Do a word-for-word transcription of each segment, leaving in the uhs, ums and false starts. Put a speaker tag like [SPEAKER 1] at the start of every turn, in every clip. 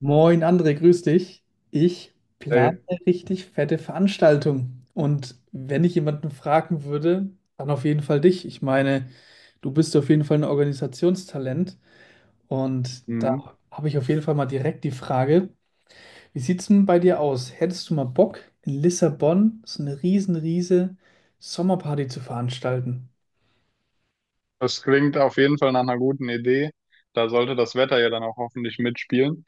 [SPEAKER 1] Moin André, grüß dich. Ich Ja. Plane
[SPEAKER 2] Ey,
[SPEAKER 1] eine richtig fette Veranstaltung. Und wenn ich jemanden fragen würde, dann auf jeden Fall dich. Ich meine, du bist auf jeden Fall ein Organisationstalent. Und da
[SPEAKER 2] mhm.
[SPEAKER 1] habe ich auf jeden Fall mal direkt die Frage, wie sieht es denn bei dir aus? Hättest du mal Bock, in Lissabon so eine riesen, riese Sommerparty zu veranstalten?
[SPEAKER 2] Das klingt auf jeden Fall nach einer guten Idee. Da sollte das Wetter ja dann auch hoffentlich mitspielen.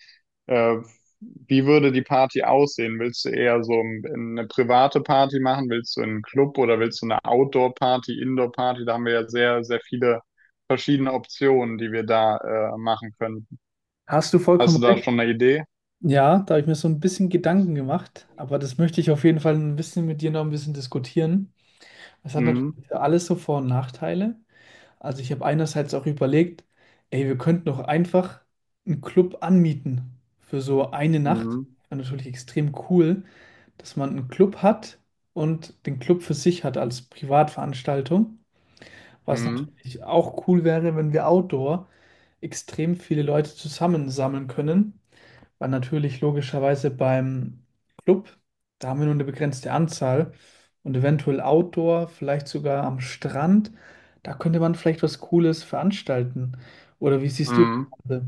[SPEAKER 2] Äh, Wie würde die Party aussehen? Willst du eher so ein- eine private Party machen? Willst du einen Club oder willst du eine Outdoor-Party, Indoor-Party? Da haben wir ja sehr, sehr viele verschiedene Optionen, die wir da äh, machen können.
[SPEAKER 1] Hast du
[SPEAKER 2] Hast
[SPEAKER 1] vollkommen
[SPEAKER 2] du da
[SPEAKER 1] recht.
[SPEAKER 2] schon eine Idee?
[SPEAKER 1] Ja, da habe ich mir so ein bisschen Gedanken gemacht, aber das möchte ich auf jeden Fall ein bisschen mit dir noch ein bisschen diskutieren. Es hat
[SPEAKER 2] Mhm.
[SPEAKER 1] natürlich für alles so Vor- und Nachteile. Also ich habe einerseits auch überlegt, ey, wir könnten doch einfach einen Club anmieten für so eine Nacht.
[SPEAKER 2] Mhm.
[SPEAKER 1] Wäre natürlich extrem cool, dass man einen Club hat und den Club für sich hat als Privatveranstaltung. Was
[SPEAKER 2] Mhm.
[SPEAKER 1] natürlich auch cool wäre, wenn wir outdoor extrem viele Leute zusammensammeln können, war natürlich logischerweise beim Club. Da haben wir nur eine begrenzte Anzahl und eventuell Outdoor, vielleicht sogar am Strand. Da könnte man vielleicht was Cooles veranstalten. Oder wie siehst du das
[SPEAKER 2] Mhm.
[SPEAKER 1] Ganze?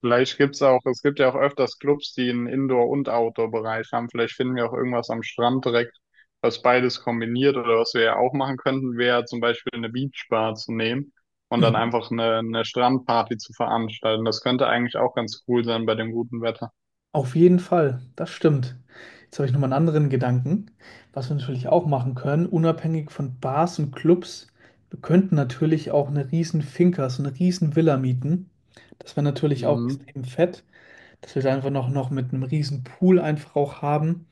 [SPEAKER 2] Vielleicht gibt's auch, es gibt ja auch öfters Clubs, die einen Indoor- und Outdoor-Bereich haben. Vielleicht finden wir auch irgendwas am Strand direkt, was beides kombiniert, oder was wir ja auch machen könnten, wäre zum Beispiel eine Beachbar zu nehmen und dann
[SPEAKER 1] Mhm.
[SPEAKER 2] einfach eine, eine Strandparty zu veranstalten. Das könnte eigentlich auch ganz cool sein bei dem guten Wetter.
[SPEAKER 1] Auf jeden Fall, das stimmt. Jetzt habe ich nochmal einen anderen Gedanken, was wir natürlich auch machen können, unabhängig von Bars und Clubs. Wir könnten natürlich auch eine riesen Finca, so eine riesen Villa mieten. Das wäre natürlich auch
[SPEAKER 2] Mhm.
[SPEAKER 1] extrem fett. Dass wir da einfach noch, noch mit einem riesen Pool einfach auch haben.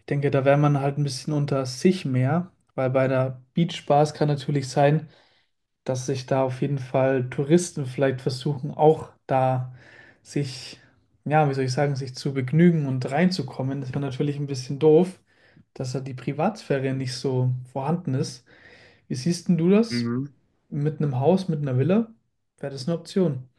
[SPEAKER 1] Ich denke, da wäre man halt ein bisschen unter sich mehr, weil bei der Beachbars kann natürlich sein, dass sich da auf jeden Fall Touristen vielleicht versuchen, auch da sich, ja, wie soll ich sagen, sich zu begnügen und reinzukommen. Das wäre natürlich ein bisschen doof, dass da die Privatsphäre nicht so vorhanden ist. Wie siehst denn du das?
[SPEAKER 2] Mhm.
[SPEAKER 1] Mit einem Haus, mit einer Villa? Wäre das eine Option?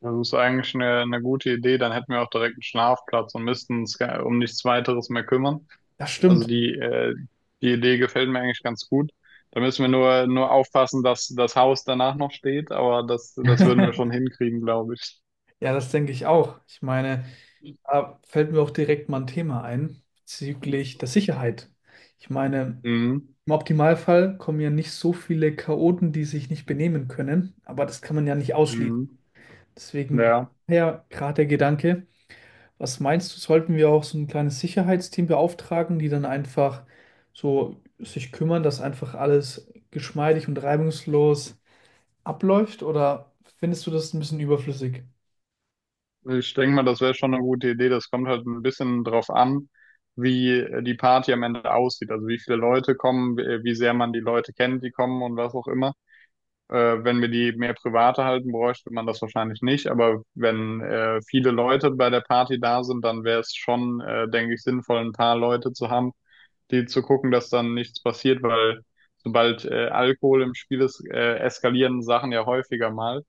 [SPEAKER 2] Das ist eigentlich eine, eine gute Idee. Dann hätten wir auch direkt einen Schlafplatz und müssten uns gar- um nichts weiteres mehr kümmern.
[SPEAKER 1] Das
[SPEAKER 2] Also
[SPEAKER 1] stimmt.
[SPEAKER 2] die, äh, die Idee gefällt mir eigentlich ganz gut. Da müssen wir nur, nur aufpassen, dass das Haus danach noch steht, aber das, das würden wir schon hinkriegen, glaube ich.
[SPEAKER 1] Ja, das denke ich auch. Ich meine, da fällt mir auch direkt mal ein Thema ein bezüglich der Sicherheit. Ich meine,
[SPEAKER 2] Mhm.
[SPEAKER 1] im Optimalfall kommen ja nicht so viele Chaoten, die sich nicht benehmen können, aber das kann man ja nicht ausschließen.
[SPEAKER 2] Mhm.
[SPEAKER 1] Deswegen
[SPEAKER 2] Ja,
[SPEAKER 1] ja, gerade der Gedanke, was meinst du, sollten wir auch so ein kleines Sicherheitsteam beauftragen, die dann einfach so sich kümmern, dass einfach alles geschmeidig und reibungslos abläuft? Oder findest du das ein bisschen überflüssig?
[SPEAKER 2] ich denke mal, das wäre schon eine gute Idee. Das kommt halt ein bisschen drauf an, wie die Party am Ende aussieht. Also wie viele Leute kommen, wie wie sehr man die Leute kennt, die kommen und was auch immer. Äh, wenn wir die mehr private halten, bräuchte man das wahrscheinlich nicht. Aber wenn äh, viele Leute bei der Party da sind, dann wäre es schon, äh, denke ich, sinnvoll, ein paar Leute zu haben, die zu gucken, dass dann nichts passiert, weil sobald äh, Alkohol im Spiel ist, äh, eskalieren Sachen ja häufiger mal.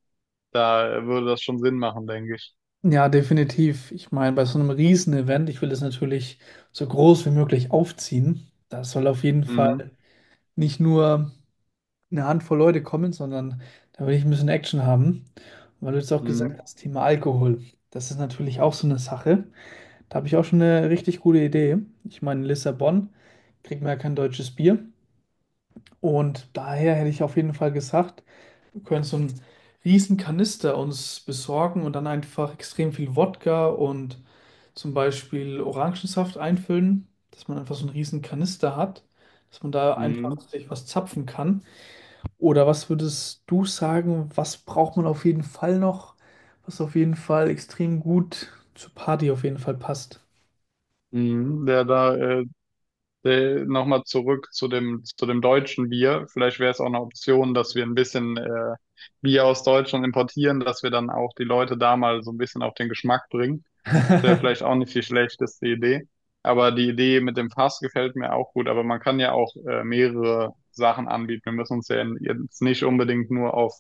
[SPEAKER 2] Da äh, würde das schon Sinn machen, denke ich.
[SPEAKER 1] Ja, definitiv. Ich meine, bei so einem Riesen-Event, ich will es natürlich so groß wie möglich aufziehen. Da soll auf jeden
[SPEAKER 2] Mhm.
[SPEAKER 1] Fall nicht nur eine Handvoll Leute kommen, sondern da will ich ein bisschen Action haben. Und weil du jetzt auch gesagt
[SPEAKER 2] Mhm.
[SPEAKER 1] hast, Thema Alkohol, das ist natürlich auch so eine Sache. Da habe ich auch schon eine richtig gute Idee. Ich meine, in Lissabon kriegt man ja kein deutsches Bier. Und daher hätte ich auf jeden Fall gesagt, wir können so einen riesen Kanister uns besorgen und dann einfach extrem viel Wodka und zum Beispiel Orangensaft einfüllen, dass man einfach so einen riesen Kanister hat, dass man da einfach
[SPEAKER 2] Mhm.
[SPEAKER 1] sich was zapfen kann. Oder was würdest du sagen, was braucht man auf jeden Fall noch, was auf jeden Fall extrem gut zur Party auf jeden Fall passt?
[SPEAKER 2] Mhm. Ja, da äh, äh, nochmal zurück zu dem, zu dem deutschen Bier. Vielleicht wäre es auch eine Option, dass wir ein bisschen äh, Bier aus Deutschland importieren, dass wir dann auch die Leute da mal so ein bisschen auf den Geschmack bringen. Das wäre vielleicht auch nicht die schlechteste Idee. Aber die Idee mit dem Fass gefällt mir auch gut. Aber man kann ja auch äh, mehrere Sachen anbieten. Wir müssen uns ja jetzt nicht unbedingt nur auf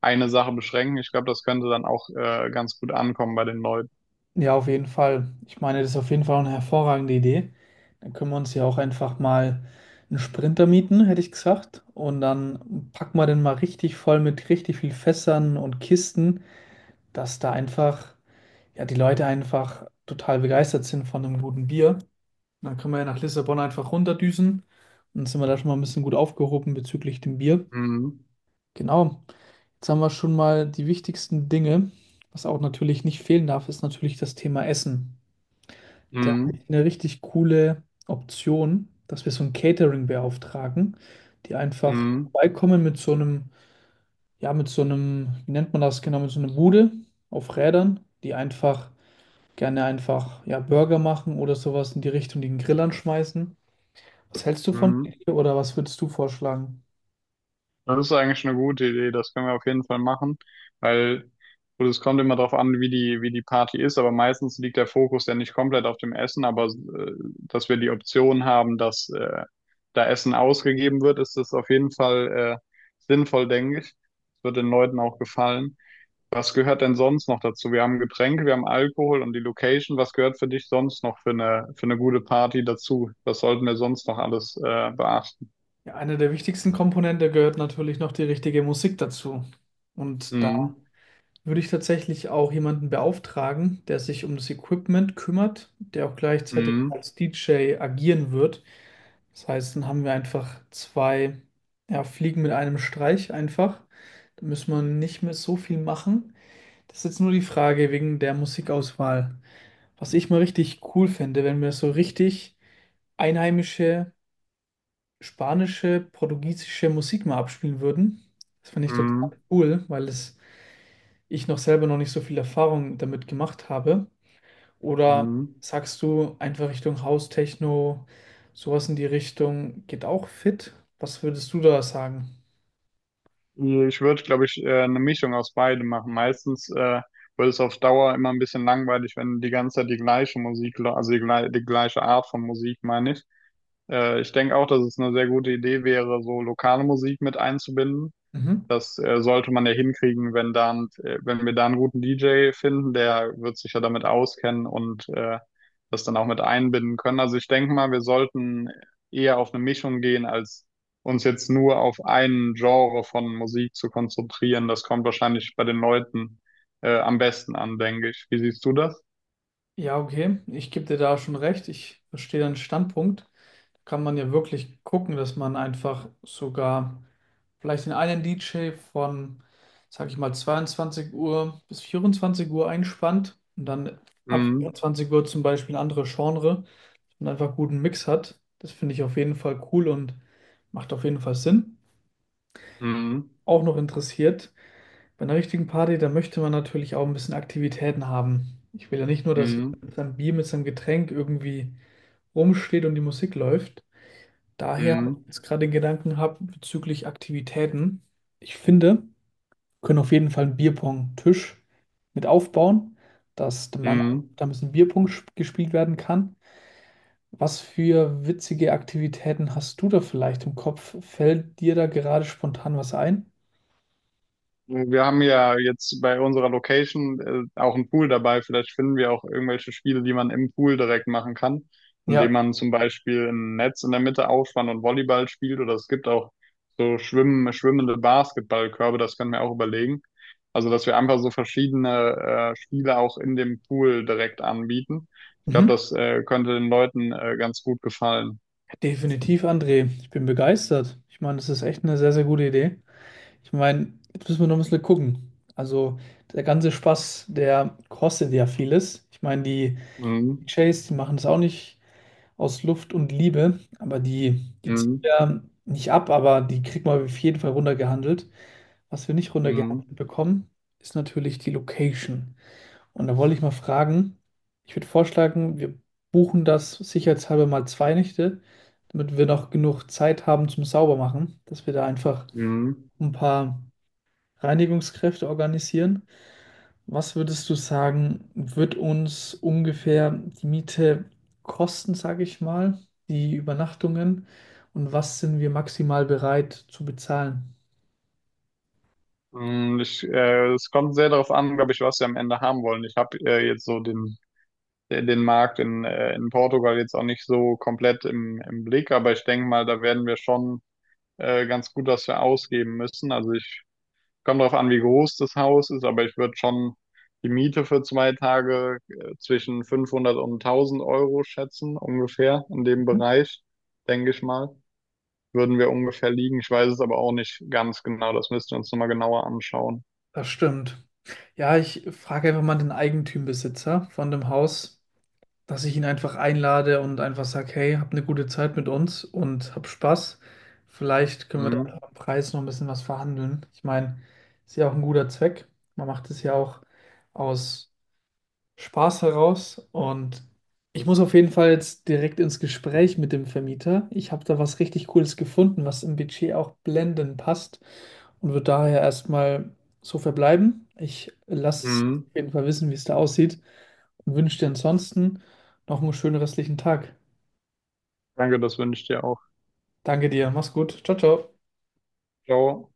[SPEAKER 2] eine Sache beschränken. Ich glaube, das könnte dann auch äh, ganz gut ankommen bei den Leuten.
[SPEAKER 1] Ja, auf jeden Fall. Ich meine, das ist auf jeden Fall eine hervorragende Idee. Dann können wir uns ja auch einfach mal einen Sprinter mieten, hätte ich gesagt. Und dann packen wir den mal richtig voll mit richtig viel Fässern und Kisten, dass da einfach, ja, die Leute einfach total begeistert sind von einem guten Bier. Und dann können wir ja nach Lissabon einfach runterdüsen. Und dann sind wir da schon mal ein bisschen gut aufgehoben bezüglich dem Bier.
[SPEAKER 2] Mhm.
[SPEAKER 1] Genau. Jetzt haben wir schon mal die wichtigsten Dinge. Was auch natürlich nicht fehlen darf, ist natürlich das Thema Essen. Da habe ich
[SPEAKER 2] Mhm.
[SPEAKER 1] eine richtig coole Option, dass wir so ein Catering beauftragen, die einfach
[SPEAKER 2] Mhm.
[SPEAKER 1] vorbeikommen mit so einem, ja, mit so einem, wie nennt man das genau, mit so einer Bude auf Rädern, die einfach gerne einfach, ja, Burger machen oder sowas in die Richtung, die den Grill anschmeißen. Was hältst du von der
[SPEAKER 2] Mhm.
[SPEAKER 1] Idee oder was würdest du vorschlagen?
[SPEAKER 2] Das ist eigentlich eine gute Idee, das können wir auf jeden Fall machen, weil gut, es kommt immer darauf an, wie die, wie die Party ist, aber meistens liegt der Fokus ja nicht komplett auf dem Essen, aber äh, dass wir die Option haben, dass äh, da Essen ausgegeben wird, ist das auf jeden Fall äh, sinnvoll, denke ich. Es wird den Leuten auch gefallen. Was gehört denn sonst noch dazu? Wir haben Getränke, wir haben Alkohol und die Location. Was gehört für dich sonst noch für eine, für eine gute Party dazu? Was sollten wir sonst noch alles äh, beachten?
[SPEAKER 1] Ja, eine der wichtigsten Komponente gehört natürlich noch die richtige Musik dazu. Und da
[SPEAKER 2] Mhm.
[SPEAKER 1] würde ich tatsächlich auch jemanden beauftragen, der sich um das Equipment kümmert, der auch gleichzeitig
[SPEAKER 2] Mhm.
[SPEAKER 1] als D J agieren wird. Das heißt, dann haben wir einfach zwei, ja, Fliegen mit einem Streich einfach. Da müssen wir nicht mehr so viel machen. Das ist jetzt nur die Frage wegen der Musikauswahl. Was ich mal richtig cool fände, wenn wir so richtig einheimische, spanische, portugiesische Musik mal abspielen würden. Das fände ich total
[SPEAKER 2] Mhm.
[SPEAKER 1] cool, weil es ich noch selber noch nicht so viel Erfahrung damit gemacht habe? Oder
[SPEAKER 2] Mhm.
[SPEAKER 1] sagst du einfach Richtung House-Techno, sowas in die Richtung geht auch fit? Was würdest du da sagen?
[SPEAKER 2] Ich würde, glaube ich, äh, eine Mischung aus beidem machen. Meistens äh, wird es auf Dauer immer ein bisschen langweilig, wenn du die ganze Zeit die gleiche Musik, lä- also die, glei- die gleiche Art von Musik, meine ich. Äh, ich denke auch, dass es eine sehr gute Idee wäre, so lokale Musik mit einzubinden.
[SPEAKER 1] Mhm.
[SPEAKER 2] Das äh, sollte man ja hinkriegen, wenn dann, äh, wenn wir da einen guten D J finden, der wird sich ja damit auskennen und äh, das dann auch mit einbinden können. Also ich denke mal, wir sollten eher auf eine Mischung gehen, als uns jetzt nur auf einen Genre von Musik zu konzentrieren. Das kommt wahrscheinlich bei den Leuten äh, am besten an, denke ich. Wie siehst du das?
[SPEAKER 1] Ja, okay, ich gebe dir da schon recht. Ich verstehe deinen Standpunkt. Kann man ja wirklich gucken, dass man einfach sogar vielleicht den einen D J von, sag ich mal, zweiundzwanzig Uhr bis vierundzwanzig Uhr einspannt und dann ab
[SPEAKER 2] Mhm.
[SPEAKER 1] zwanzig Uhr zum Beispiel ein anderes Genre. Und einfach guten Mix hat. Das finde ich auf jeden Fall cool und macht auf jeden Fall Sinn.
[SPEAKER 2] Mhm.
[SPEAKER 1] Auch noch interessiert, bei einer richtigen Party, da möchte man natürlich auch ein bisschen Aktivitäten haben. Ich will ja nicht nur, dass jemand
[SPEAKER 2] Mhm.
[SPEAKER 1] mit seinem Bier, mit seinem Getränk irgendwie rumsteht und die Musik läuft. Daher
[SPEAKER 2] Mhm.
[SPEAKER 1] jetzt gerade den Gedanken habe bezüglich Aktivitäten. Ich finde, wir können auf jeden Fall einen Bierpong-Tisch mit aufbauen, dass der Mann,
[SPEAKER 2] Mhm.
[SPEAKER 1] da ein bisschen Bierpong sp- gespielt werden kann. Was für witzige Aktivitäten hast du da vielleicht im Kopf? Fällt dir da gerade spontan was ein?
[SPEAKER 2] Wir haben ja jetzt bei unserer Location äh, auch einen Pool dabei. Vielleicht finden wir auch irgendwelche Spiele, die man im Pool direkt machen kann, indem
[SPEAKER 1] Ja,
[SPEAKER 2] man zum Beispiel ein Netz in der Mitte aufspannt und Volleyball spielt. Oder es gibt auch so schwimmen, schwimmende Basketballkörbe, das können wir auch überlegen. Also, dass wir einfach so verschiedene äh, Spiele auch in dem Pool direkt anbieten. Ich
[SPEAKER 1] mhm.
[SPEAKER 2] glaube, das äh, könnte den Leuten äh, ganz gut gefallen.
[SPEAKER 1] Definitiv, André. Ich bin begeistert. Ich meine, das ist echt eine sehr, sehr gute Idee. Ich meine, jetzt müssen wir noch ein bisschen gucken. Also, der ganze Spaß, der kostet ja vieles. Ich meine, die
[SPEAKER 2] Mhm.
[SPEAKER 1] Chase die machen es auch nicht aus Luft und Liebe, aber die, die ziehen
[SPEAKER 2] Mhm.
[SPEAKER 1] ja nicht ab, aber die kriegt man auf jeden Fall runtergehandelt. Was wir nicht runtergehandelt
[SPEAKER 2] Mhm.
[SPEAKER 1] bekommen, ist natürlich die Location. Und da wollte ich mal fragen, ich würde vorschlagen, wir buchen das sicherheitshalber mal zwei Nächte, damit wir noch genug Zeit haben zum Saubermachen, dass wir da einfach
[SPEAKER 2] Mhm.
[SPEAKER 1] ein paar Reinigungskräfte organisieren. Was würdest du sagen, wird uns ungefähr die Miete kosten, sage ich mal, die Übernachtungen und was sind wir maximal bereit zu bezahlen?
[SPEAKER 2] Mm, Ich, äh, es kommt sehr darauf an, glaube ich, was wir am Ende haben wollen. Ich habe äh, jetzt so den, den Markt in, äh, in Portugal jetzt auch nicht so komplett im, im Blick, aber ich denke mal, da werden wir schon äh, ganz gut was für ausgeben müssen. Also ich Kommt darauf an, wie groß das Haus ist, aber ich würde schon die Miete für zwei Tage äh, zwischen fünfhundert und tausend Euro schätzen, ungefähr in dem Bereich, denke ich mal. Würden wir ungefähr liegen. Ich weiß es aber auch nicht ganz genau. Das müssten wir uns nochmal genauer anschauen.
[SPEAKER 1] Das stimmt. Ja, ich frage einfach mal den Eigentümerbesitzer von dem Haus, dass ich ihn einfach einlade und einfach sage, hey, hab eine gute Zeit mit uns und hab Spaß. Vielleicht können wir da
[SPEAKER 2] Mhm.
[SPEAKER 1] einfach am Preis noch ein bisschen was verhandeln. Ich meine, ist ja auch ein guter Zweck. Man macht es ja auch aus Spaß heraus und ich muss auf jeden Fall jetzt direkt ins Gespräch mit dem Vermieter. Ich habe da was richtig Cooles gefunden, was im Budget auch blendend passt und würde daher erstmal so verbleiben. Ich lasse es
[SPEAKER 2] Mhm.
[SPEAKER 1] auf jeden Fall wissen, wie es da aussieht und wünsche dir ansonsten noch einen schönen restlichen Tag.
[SPEAKER 2] Danke, das wünsche ich dir auch.
[SPEAKER 1] Danke dir, mach's gut. Ciao, ciao.
[SPEAKER 2] Ciao.